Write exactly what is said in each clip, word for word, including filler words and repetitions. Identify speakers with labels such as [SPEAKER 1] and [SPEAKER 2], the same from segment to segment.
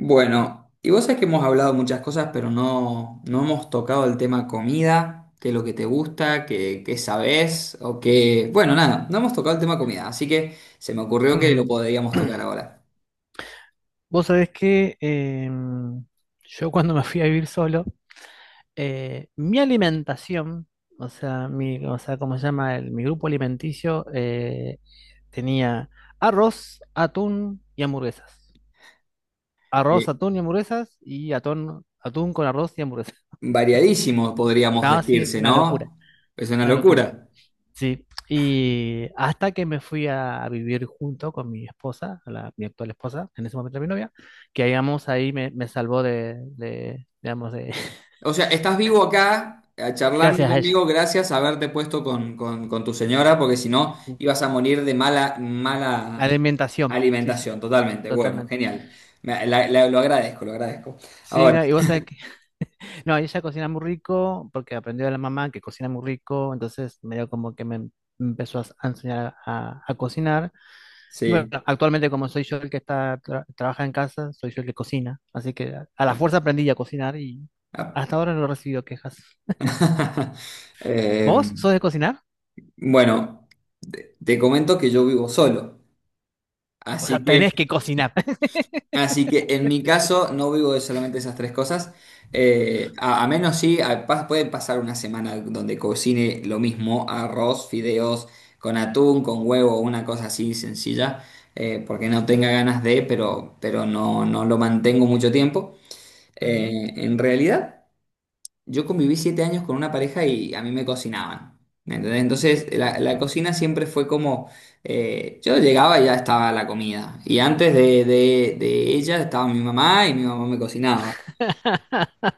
[SPEAKER 1] Bueno, y vos sabés que hemos hablado muchas cosas, pero no, no hemos tocado el tema comida, qué es lo que te gusta, qué, qué sabés, o qué. Bueno, nada, no hemos tocado el tema comida, así que se me ocurrió que lo
[SPEAKER 2] Ujú.
[SPEAKER 1] podríamos tocar ahora.
[SPEAKER 2] Vos sabés que em, yo cuando me fui a vivir solo, eh, mi alimentación, o sea, mi, o sea, como se llama el- mi grupo alimenticio, eh, tenía arroz, atún y hamburguesas. Arroz,
[SPEAKER 1] Eh,
[SPEAKER 2] atún y hamburguesas y atún, atún con arroz y hamburguesas.
[SPEAKER 1] variadísimo, podríamos
[SPEAKER 2] No, sí,
[SPEAKER 1] decirse,
[SPEAKER 2] una locura,
[SPEAKER 1] ¿no? Es una
[SPEAKER 2] una locura.
[SPEAKER 1] locura.
[SPEAKER 2] Sí, y hasta que me fui a, a vivir junto con mi esposa, la- mi actual esposa, en ese momento mi novia, que digamos ahí me, me salvó de, de, digamos, de,
[SPEAKER 1] O sea, estás vivo acá, eh, charlando
[SPEAKER 2] gracias a ella.
[SPEAKER 1] conmigo gracias a haberte puesto con, con- con tu señora, porque si no ibas a morir de mala,
[SPEAKER 2] La
[SPEAKER 1] mala
[SPEAKER 2] alimentación, sí, sí,
[SPEAKER 1] alimentación, totalmente. Bueno,
[SPEAKER 2] totalmente.
[SPEAKER 1] genial. Me- la- la- lo agradezco, lo agradezco.
[SPEAKER 2] Sí,
[SPEAKER 1] Ahora,
[SPEAKER 2] no, y vos sabés que, no, ella cocina muy rico porque aprendió de la mamá que cocina muy rico, entonces medio como que me empezó a enseñar a, a cocinar. Y bueno,
[SPEAKER 1] sí.
[SPEAKER 2] actualmente como soy yo el que está tra- trabaja en casa, soy yo el que cocina, así que a, a la fuerza aprendí a cocinar y
[SPEAKER 1] Ah.
[SPEAKER 2] hasta ahora no he recibido quejas.
[SPEAKER 1] Eh,
[SPEAKER 2] ¿Vos sos de cocinar?
[SPEAKER 1] bueno, te te comento que yo vivo solo,
[SPEAKER 2] O sea,
[SPEAKER 1] así que
[SPEAKER 2] tenés que cocinar.
[SPEAKER 1] Así que en mi caso no vivo de solamente esas tres cosas. Eh, a, a menos sí, a- pas- puede pasar una semana donde cocine lo mismo, arroz, fideos, con atún, con huevo, una cosa así sencilla, eh, porque no tenga ganas de, pero, pero no, no lo mantengo mucho tiempo.
[SPEAKER 2] Ujú,
[SPEAKER 1] Eh, en realidad. Yo conviví siete años con una pareja y a mí me cocinaban. ¿Me entendés? Entonces, la, la
[SPEAKER 2] ujú.
[SPEAKER 1] cocina siempre fue como, eh, yo llegaba y ya estaba la comida. Y antes de, de- de ella estaba mi mamá y mi mamá me cocinaba.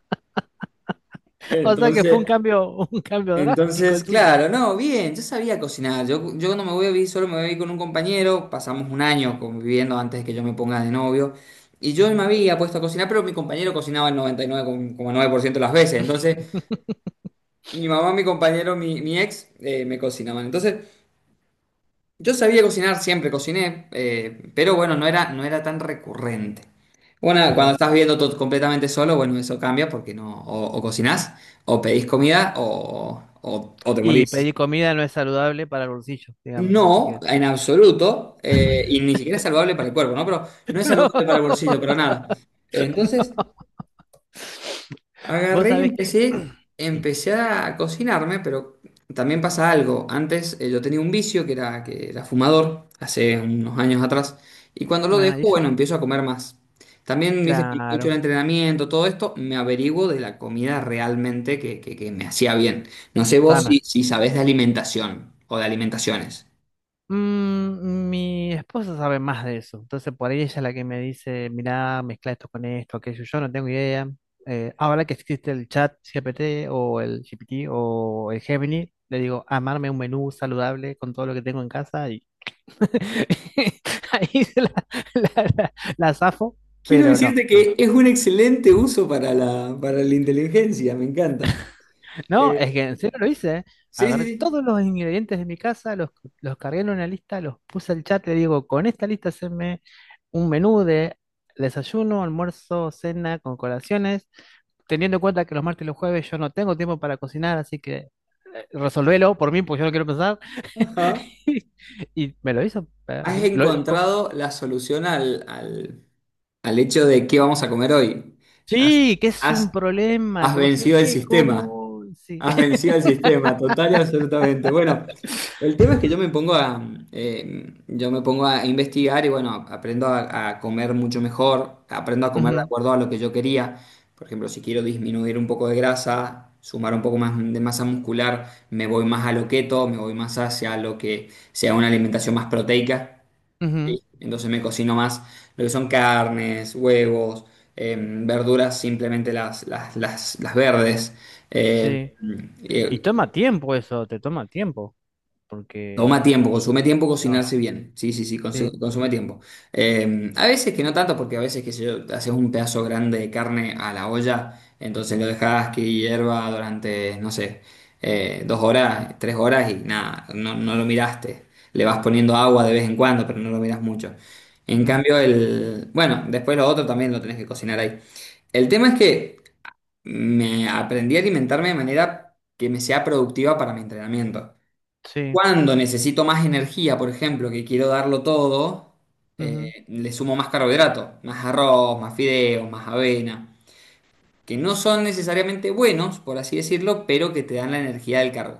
[SPEAKER 2] O sea que fue un
[SPEAKER 1] Entonces,
[SPEAKER 2] cambio, un cambio drástico
[SPEAKER 1] entonces,
[SPEAKER 2] el tuyo.
[SPEAKER 1] claro, no, bien, yo sabía cocinar. Yo, yo no me voy a vivir solo, me voy a vivir con un compañero. Pasamos un año conviviendo antes de que yo me ponga de novio. Y yo me
[SPEAKER 2] Ujú.
[SPEAKER 1] había puesto a cocinar, pero mi compañero cocinaba el noventa y nueve coma nueve por ciento de las veces. Entonces, mi mamá, mi compañero, mi, mi ex, eh, me cocinaban. Entonces, yo sabía cocinar, siempre cociné, eh, pero bueno, no era, no era tan recurrente. Bueno, cuando
[SPEAKER 2] Claro.
[SPEAKER 1] estás viendo todo completamente solo, bueno, eso cambia porque no, o, o cocinás, o pedís comida, o, o- o te
[SPEAKER 2] Y
[SPEAKER 1] morís.
[SPEAKER 2] pedir comida no es saludable para el bolsillo, digamos, así
[SPEAKER 1] No,
[SPEAKER 2] que
[SPEAKER 1] en absoluto, eh, y ni siquiera es saludable para el cuerpo, ¿no? Pero no es
[SPEAKER 2] no.
[SPEAKER 1] saludable para el bolsillo, pero nada. Entonces,
[SPEAKER 2] Vos
[SPEAKER 1] agarré y
[SPEAKER 2] sabés que
[SPEAKER 1] empecé,
[SPEAKER 2] sí.
[SPEAKER 1] empecé a cocinarme, pero también pasa algo. Antes, eh, yo tenía un vicio que era, que era fumador, hace unos años atrás, y cuando lo
[SPEAKER 2] Ah, y
[SPEAKER 1] dejo,
[SPEAKER 2] eso,
[SPEAKER 1] bueno, empiezo a comer más. También dice que he hecho el
[SPEAKER 2] claro,
[SPEAKER 1] entrenamiento, todo esto, me averiguo de la comida realmente que, que- que me hacía bien. No sé vos si,
[SPEAKER 2] sana.
[SPEAKER 1] si sabés de alimentación o de alimentaciones.
[SPEAKER 2] Mm, mi esposa sabe más de eso, entonces por ahí ella es la que me dice, mirá, mezcla esto con esto, aquello, yo no tengo idea. Eh, ahora que existe el chat G P T o el G P T o el Gemini, le digo, amarme un menú saludable con todo lo que tengo en casa y ahí se la, la, la la zafo,
[SPEAKER 1] Quiero
[SPEAKER 2] pero no.
[SPEAKER 1] decirte que es un excelente uso para la, para la inteligencia, me encanta.
[SPEAKER 2] No, es
[SPEAKER 1] Eh,
[SPEAKER 2] que en serio lo hice, ¿eh?
[SPEAKER 1] sí, sí,
[SPEAKER 2] Agarré
[SPEAKER 1] sí.
[SPEAKER 2] todos los ingredientes de mi casa, los, los cargué en una lista, los puse al chat, le digo, con esta lista haceme un menú de desayuno, almuerzo, cena, con colaciones, teniendo en cuenta que los martes y los jueves yo no tengo tiempo para cocinar, así que eh, resolvelo por mí, porque yo no quiero pensar.
[SPEAKER 1] Ajá.
[SPEAKER 2] Y me lo hizo eh,
[SPEAKER 1] Has
[SPEAKER 2] así. Lo- lo- co-
[SPEAKER 1] encontrado la solución al, al- al hecho de qué vamos a comer hoy. Has,
[SPEAKER 2] sí, que es
[SPEAKER 1] has-
[SPEAKER 2] un problema,
[SPEAKER 1] has
[SPEAKER 2] que vos decís,
[SPEAKER 1] vencido el
[SPEAKER 2] ¿qué?
[SPEAKER 1] sistema.
[SPEAKER 2] ¿Cómo? Sí.
[SPEAKER 1] Has vencido el sistema, total y absolutamente. Bueno, el tema es que yo me pongo a, eh, yo me pongo a investigar y bueno, aprendo a, a comer mucho mejor, aprendo a comer de
[SPEAKER 2] Ujú,
[SPEAKER 1] acuerdo a lo que yo quería. Por ejemplo, si quiero disminuir un poco de grasa, sumar un poco más de masa muscular, me voy más a lo keto, me voy más hacia lo que sea una alimentación más proteica.
[SPEAKER 2] ujú,
[SPEAKER 1] ¿Sí? Entonces me cocino más lo que son carnes, huevos, eh, verduras, simplemente las, las, las, las verdes. eh,
[SPEAKER 2] sí. Y
[SPEAKER 1] eh,
[SPEAKER 2] toma tiempo eso, te toma tiempo.
[SPEAKER 1] Toma
[SPEAKER 2] Porque...
[SPEAKER 1] tiempo, consume tiempo
[SPEAKER 2] No,
[SPEAKER 1] cocinarse bien. Sí, sí, sí,
[SPEAKER 2] sí,
[SPEAKER 1] consu- consume tiempo. Eh, a veces que no tanto, porque a veces que sé yo, haces un pedazo grande de carne a la olla, entonces lo dejas que hierva durante, no sé, eh, dos horas, tres horas y nada, no, no lo miraste. Le vas poniendo agua de vez en cuando, pero no lo miras mucho. En
[SPEAKER 2] mm,
[SPEAKER 1] cambio, el, bueno, después lo otro también lo tenés que cocinar ahí. El tema es que me aprendí a alimentarme de manera que me sea productiva para mi entrenamiento.
[SPEAKER 2] sí,
[SPEAKER 1] Cuando necesito más energía, por ejemplo, que quiero darlo todo,
[SPEAKER 2] ujú,
[SPEAKER 1] eh, le sumo más carbohidrato, más arroz, más fideos, más avena, que no son necesariamente buenos, por así decirlo, pero que te dan la energía del carbo.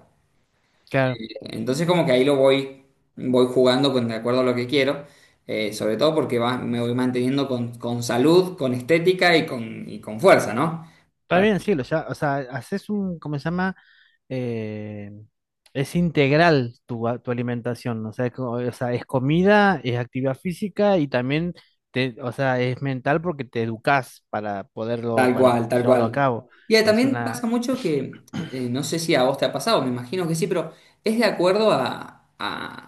[SPEAKER 2] claro.
[SPEAKER 1] Entonces como que ahí lo voy, voy jugando con de acuerdo a lo que quiero, eh, sobre todo porque va- me voy manteniendo con, con salud, con estética y con, y con fuerza, ¿no?
[SPEAKER 2] Está bien, sí, lo ya, o sea, haces un, ¿cómo se llama? Eh, es integral tu, a- tu alimentación, o sea, es, co- o sea, es comida, es actividad física y también, te, o sea, es mental porque te educas para poderlo,
[SPEAKER 1] Tal
[SPEAKER 2] para
[SPEAKER 1] cual, tal
[SPEAKER 2] llevarlo a
[SPEAKER 1] cual.
[SPEAKER 2] cabo.
[SPEAKER 1] Y eh,
[SPEAKER 2] Es
[SPEAKER 1] también
[SPEAKER 2] una...
[SPEAKER 1] pasa mucho que, eh, no sé si a vos te ha pasado, me imagino que sí, pero es de acuerdo a, a-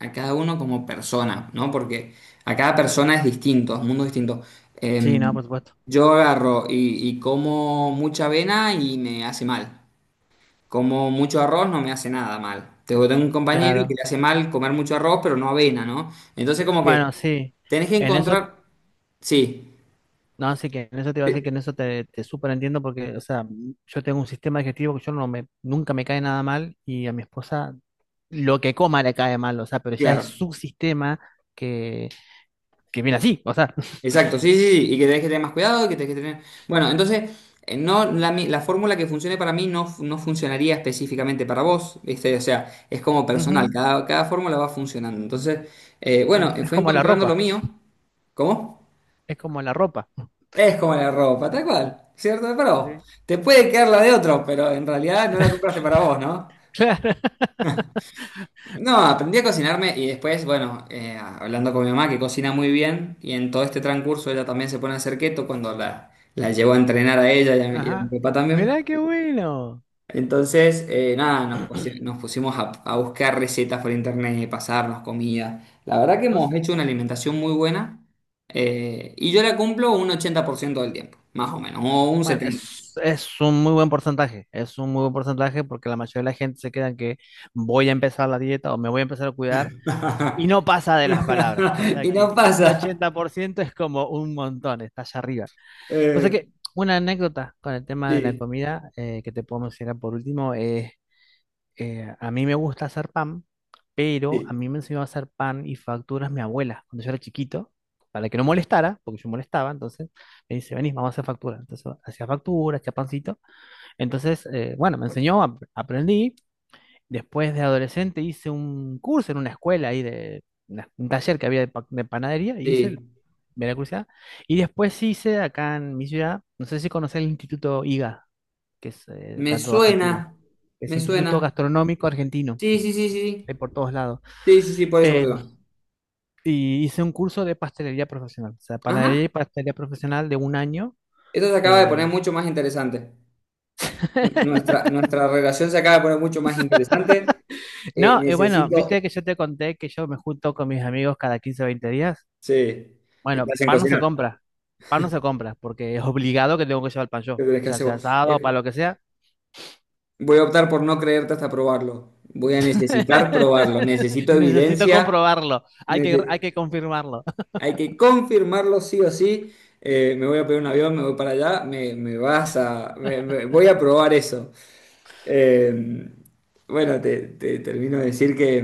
[SPEAKER 1] a cada uno como persona, ¿no? Porque a cada persona es distinto, es un mundo distinto.
[SPEAKER 2] Sí,
[SPEAKER 1] Eh,
[SPEAKER 2] no, por supuesto.
[SPEAKER 1] yo agarro y, y como mucha avena y me hace mal. Como mucho arroz no me hace nada mal. Tengo tengo un compañero que
[SPEAKER 2] Claro.
[SPEAKER 1] le hace mal comer mucho arroz, pero no avena, ¿no? Entonces como
[SPEAKER 2] Bueno,
[SPEAKER 1] que
[SPEAKER 2] sí,
[SPEAKER 1] tenés que
[SPEAKER 2] en eso...
[SPEAKER 1] encontrar. Sí,
[SPEAKER 2] No, así que en eso te iba a decir que en
[SPEAKER 1] eh,
[SPEAKER 2] eso te, te súper entiendo porque, o sea, mm, yo tengo un sistema digestivo que yo no me, nunca me cae nada mal y a mi esposa lo que coma le cae mal, o sea, pero ya es
[SPEAKER 1] claro.
[SPEAKER 2] su sistema que, que viene así, o sea,
[SPEAKER 1] Exacto, sí, sí, sí, y que tenés que tener más cuidado, y que tenés que tener. Bueno, entonces, eh, no, la, mi- la fórmula que funcione para mí, no, fu- no funcionaría específicamente para vos, ¿viste? O sea, es como personal,
[SPEAKER 2] ujú,
[SPEAKER 1] cada, cada fórmula va funcionando. Entonces, eh, bueno,
[SPEAKER 2] sí,
[SPEAKER 1] eh,
[SPEAKER 2] es
[SPEAKER 1] fue
[SPEAKER 2] como la
[SPEAKER 1] encontrando lo
[SPEAKER 2] ropa,
[SPEAKER 1] mío. ¿Cómo?
[SPEAKER 2] es como la ropa.
[SPEAKER 1] Es como la ropa, tal cual, ¿cierto? Es para vos.
[SPEAKER 2] Sí.
[SPEAKER 1] Te puede quedar la de otro, pero en realidad no la compraste para vos, ¿no?
[SPEAKER 2] Claro.
[SPEAKER 1] No, aprendí a cocinarme y después, bueno, eh, hablando con mi mamá que cocina muy bien, y en todo este transcurso ella también se pone a hacer keto cuando la, la llevo a entrenar a ella y a, mi y a mi
[SPEAKER 2] Ajá.
[SPEAKER 1] papá
[SPEAKER 2] Mirá
[SPEAKER 1] también.
[SPEAKER 2] qué bueno.
[SPEAKER 1] Entonces, eh, nada, nos, pusi- nos pusimos a, a buscar recetas por internet, pasarnos comida. La verdad que hemos
[SPEAKER 2] Vos...
[SPEAKER 1] hecho una alimentación muy buena, eh, y yo la cumplo un ochenta por ciento del tiempo, más o menos, o un
[SPEAKER 2] Bueno,
[SPEAKER 1] setenta por ciento.
[SPEAKER 2] es, es un muy buen porcentaje. Es un muy buen porcentaje porque la mayoría de la gente se queda en que voy a empezar la dieta o me voy a empezar a cuidar. Y no pasa de las palabras, o sea
[SPEAKER 1] Y no
[SPEAKER 2] que un
[SPEAKER 1] pasa.
[SPEAKER 2] ochenta por ciento es como un montón, está allá arriba. O sea
[SPEAKER 1] Eh,
[SPEAKER 2] que una anécdota con el tema de la
[SPEAKER 1] sí,
[SPEAKER 2] comida eh, que te puedo mencionar por último es, eh, a mí me gusta hacer pan, pero a
[SPEAKER 1] sí.
[SPEAKER 2] mí me enseñó a hacer pan y facturas mi abuela cuando yo era chiquito, para que no molestara, porque yo molestaba, entonces me dice, venís, vamos a hacer factura. Entonces hacía factura, hacía pancito. Entonces, eh, bueno, me enseñó, ap- aprendí. Después de adolescente hice un curso en una escuela ahí de una- un taller que había de, pa- de panadería y hice
[SPEAKER 1] Sí.
[SPEAKER 2] el, me... Y después hice acá en mi ciudad, no sé si conocés el Instituto I G A, que es eh,
[SPEAKER 1] Me
[SPEAKER 2] tanto de Argentina,
[SPEAKER 1] suena,
[SPEAKER 2] que es
[SPEAKER 1] me
[SPEAKER 2] Instituto
[SPEAKER 1] suena.
[SPEAKER 2] Gastronómico Argentino,
[SPEAKER 1] Sí, sí, sí, sí.
[SPEAKER 2] hay por todos lados.
[SPEAKER 1] Sí, sí, sí, por eso, por
[SPEAKER 2] Eh,
[SPEAKER 1] eso.
[SPEAKER 2] y hice un curso de pastelería profesional, o sea, panadería y
[SPEAKER 1] Ajá.
[SPEAKER 2] pastelería profesional de un año.
[SPEAKER 1] Esto se acaba de poner
[SPEAKER 2] Eh,
[SPEAKER 1] mucho más interesante. Nu- Nuestra, nuestra relación se acaba de poner mucho más interesante. Eh,
[SPEAKER 2] no, y bueno, viste
[SPEAKER 1] necesito.
[SPEAKER 2] que yo te conté que yo me junto con mis amigos cada quince o veinte días.
[SPEAKER 1] Sí. ¿Qué te
[SPEAKER 2] Bueno,
[SPEAKER 1] hacen
[SPEAKER 2] pan no se
[SPEAKER 1] cocinar?
[SPEAKER 2] compra. Pan no se compra porque es obligado que tengo que llevar pan yo.
[SPEAKER 1] ¿Qué
[SPEAKER 2] O
[SPEAKER 1] tenés que
[SPEAKER 2] sea,
[SPEAKER 1] hacer
[SPEAKER 2] sea
[SPEAKER 1] vos?
[SPEAKER 2] asado, para lo
[SPEAKER 1] Eh,
[SPEAKER 2] que sea.
[SPEAKER 1] voy a optar por no creerte hasta probarlo. Voy a necesitar probarlo. Necesito
[SPEAKER 2] Necesito
[SPEAKER 1] evidencia.
[SPEAKER 2] comprobarlo. Hay que,
[SPEAKER 1] Nece-
[SPEAKER 2] hay que confirmarlo.
[SPEAKER 1] Hay que confirmarlo sí o sí. Eh, me voy a pedir un avión, me voy para allá. Me, me vas a. me- me- voy a probar eso. Eh, bueno, te, te termino de decir que,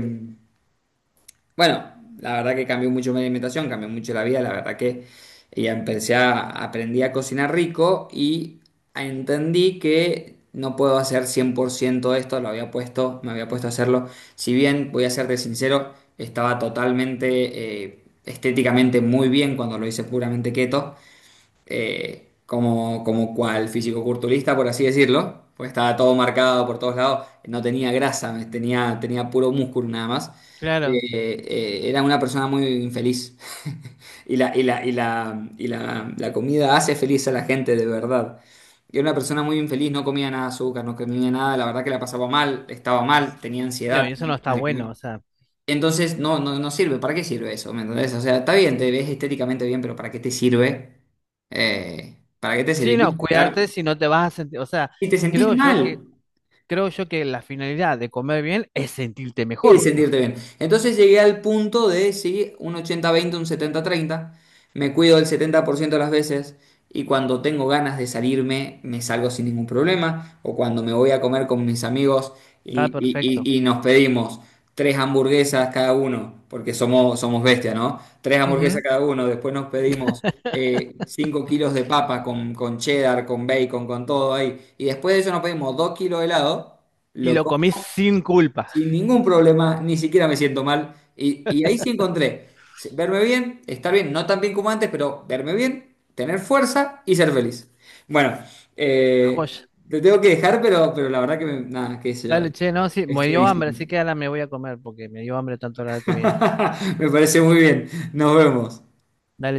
[SPEAKER 1] bueno, la verdad que cambió mucho mi alimentación, cambió mucho la vida, la verdad que ya empecé a, aprendí a cocinar rico, y entendí que no puedo hacer cien por ciento esto, lo había puesto, me había puesto a hacerlo. Si bien, voy a serte sincero, estaba totalmente, eh, estéticamente muy bien cuando lo hice puramente keto, eh, como, como cual fisicoculturista, por así decirlo, pues estaba todo marcado por todos lados, no tenía grasa, tenía, tenía puro músculo nada más.
[SPEAKER 2] Claro.
[SPEAKER 1] Eh, eh, era una persona muy infeliz. Y la, y la, y la, y la, la comida hace feliz a la gente de verdad. Y era una persona muy infeliz, no comía nada de azúcar, no comía nada, la verdad que la pasaba mal, estaba mal, tenía
[SPEAKER 2] No,
[SPEAKER 1] ansiedad,
[SPEAKER 2] y eso
[SPEAKER 1] tenía
[SPEAKER 2] no está
[SPEAKER 1] ganas de comer.
[SPEAKER 2] bueno. O sea,
[SPEAKER 1] Entonces, no, no, no sirve. ¿Para qué sirve eso? ¿Me entendés? O sea, está bien, te ves estéticamente bien, pero ¿para qué te sirve? Eh, ¿para qué te
[SPEAKER 2] sí,
[SPEAKER 1] serviría
[SPEAKER 2] no,
[SPEAKER 1] estar?
[SPEAKER 2] cuidarte si no te vas a sentir. O sea,
[SPEAKER 1] Si te sentís
[SPEAKER 2] creo yo
[SPEAKER 1] mal.
[SPEAKER 2] que, creo yo que la finalidad de comer bien es sentirte
[SPEAKER 1] Y
[SPEAKER 2] mejor.
[SPEAKER 1] sentirte bien. Entonces llegué al punto de, sí, un ochenta veinte, un setenta treinta. Me cuido el setenta por ciento de las veces, y cuando tengo ganas de salirme, me salgo sin ningún problema. O cuando me voy a comer con mis amigos y,
[SPEAKER 2] Está
[SPEAKER 1] y-
[SPEAKER 2] perfecto.
[SPEAKER 1] y- y nos pedimos tres hamburguesas cada uno, porque somos, somos bestias, ¿no? Tres hamburguesas
[SPEAKER 2] Ujú.
[SPEAKER 1] cada uno, después nos pedimos, eh, cinco kilos de papa con, con cheddar, con bacon, con todo ahí. Y después de eso nos pedimos dos kilos de helado
[SPEAKER 2] Y lo comí sin culpa.
[SPEAKER 1] sin ningún problema, ni siquiera me siento mal. Y, y ahí sí encontré, se- verme bien, estar bien, no tan bien como antes, pero verme bien, tener fuerza y ser feliz. Bueno, eh,
[SPEAKER 2] Joya.
[SPEAKER 1] te tengo que dejar, pero, pero la verdad que, me- nada, qué sé yo,
[SPEAKER 2] Dale, che, no, sí, me
[SPEAKER 1] es
[SPEAKER 2] dio hambre,
[SPEAKER 1] buenísimo.
[SPEAKER 2] así que ahora me voy a comer porque me dio hambre tanto la de comida.
[SPEAKER 1] Me parece muy bien. Nos vemos.
[SPEAKER 2] Dale.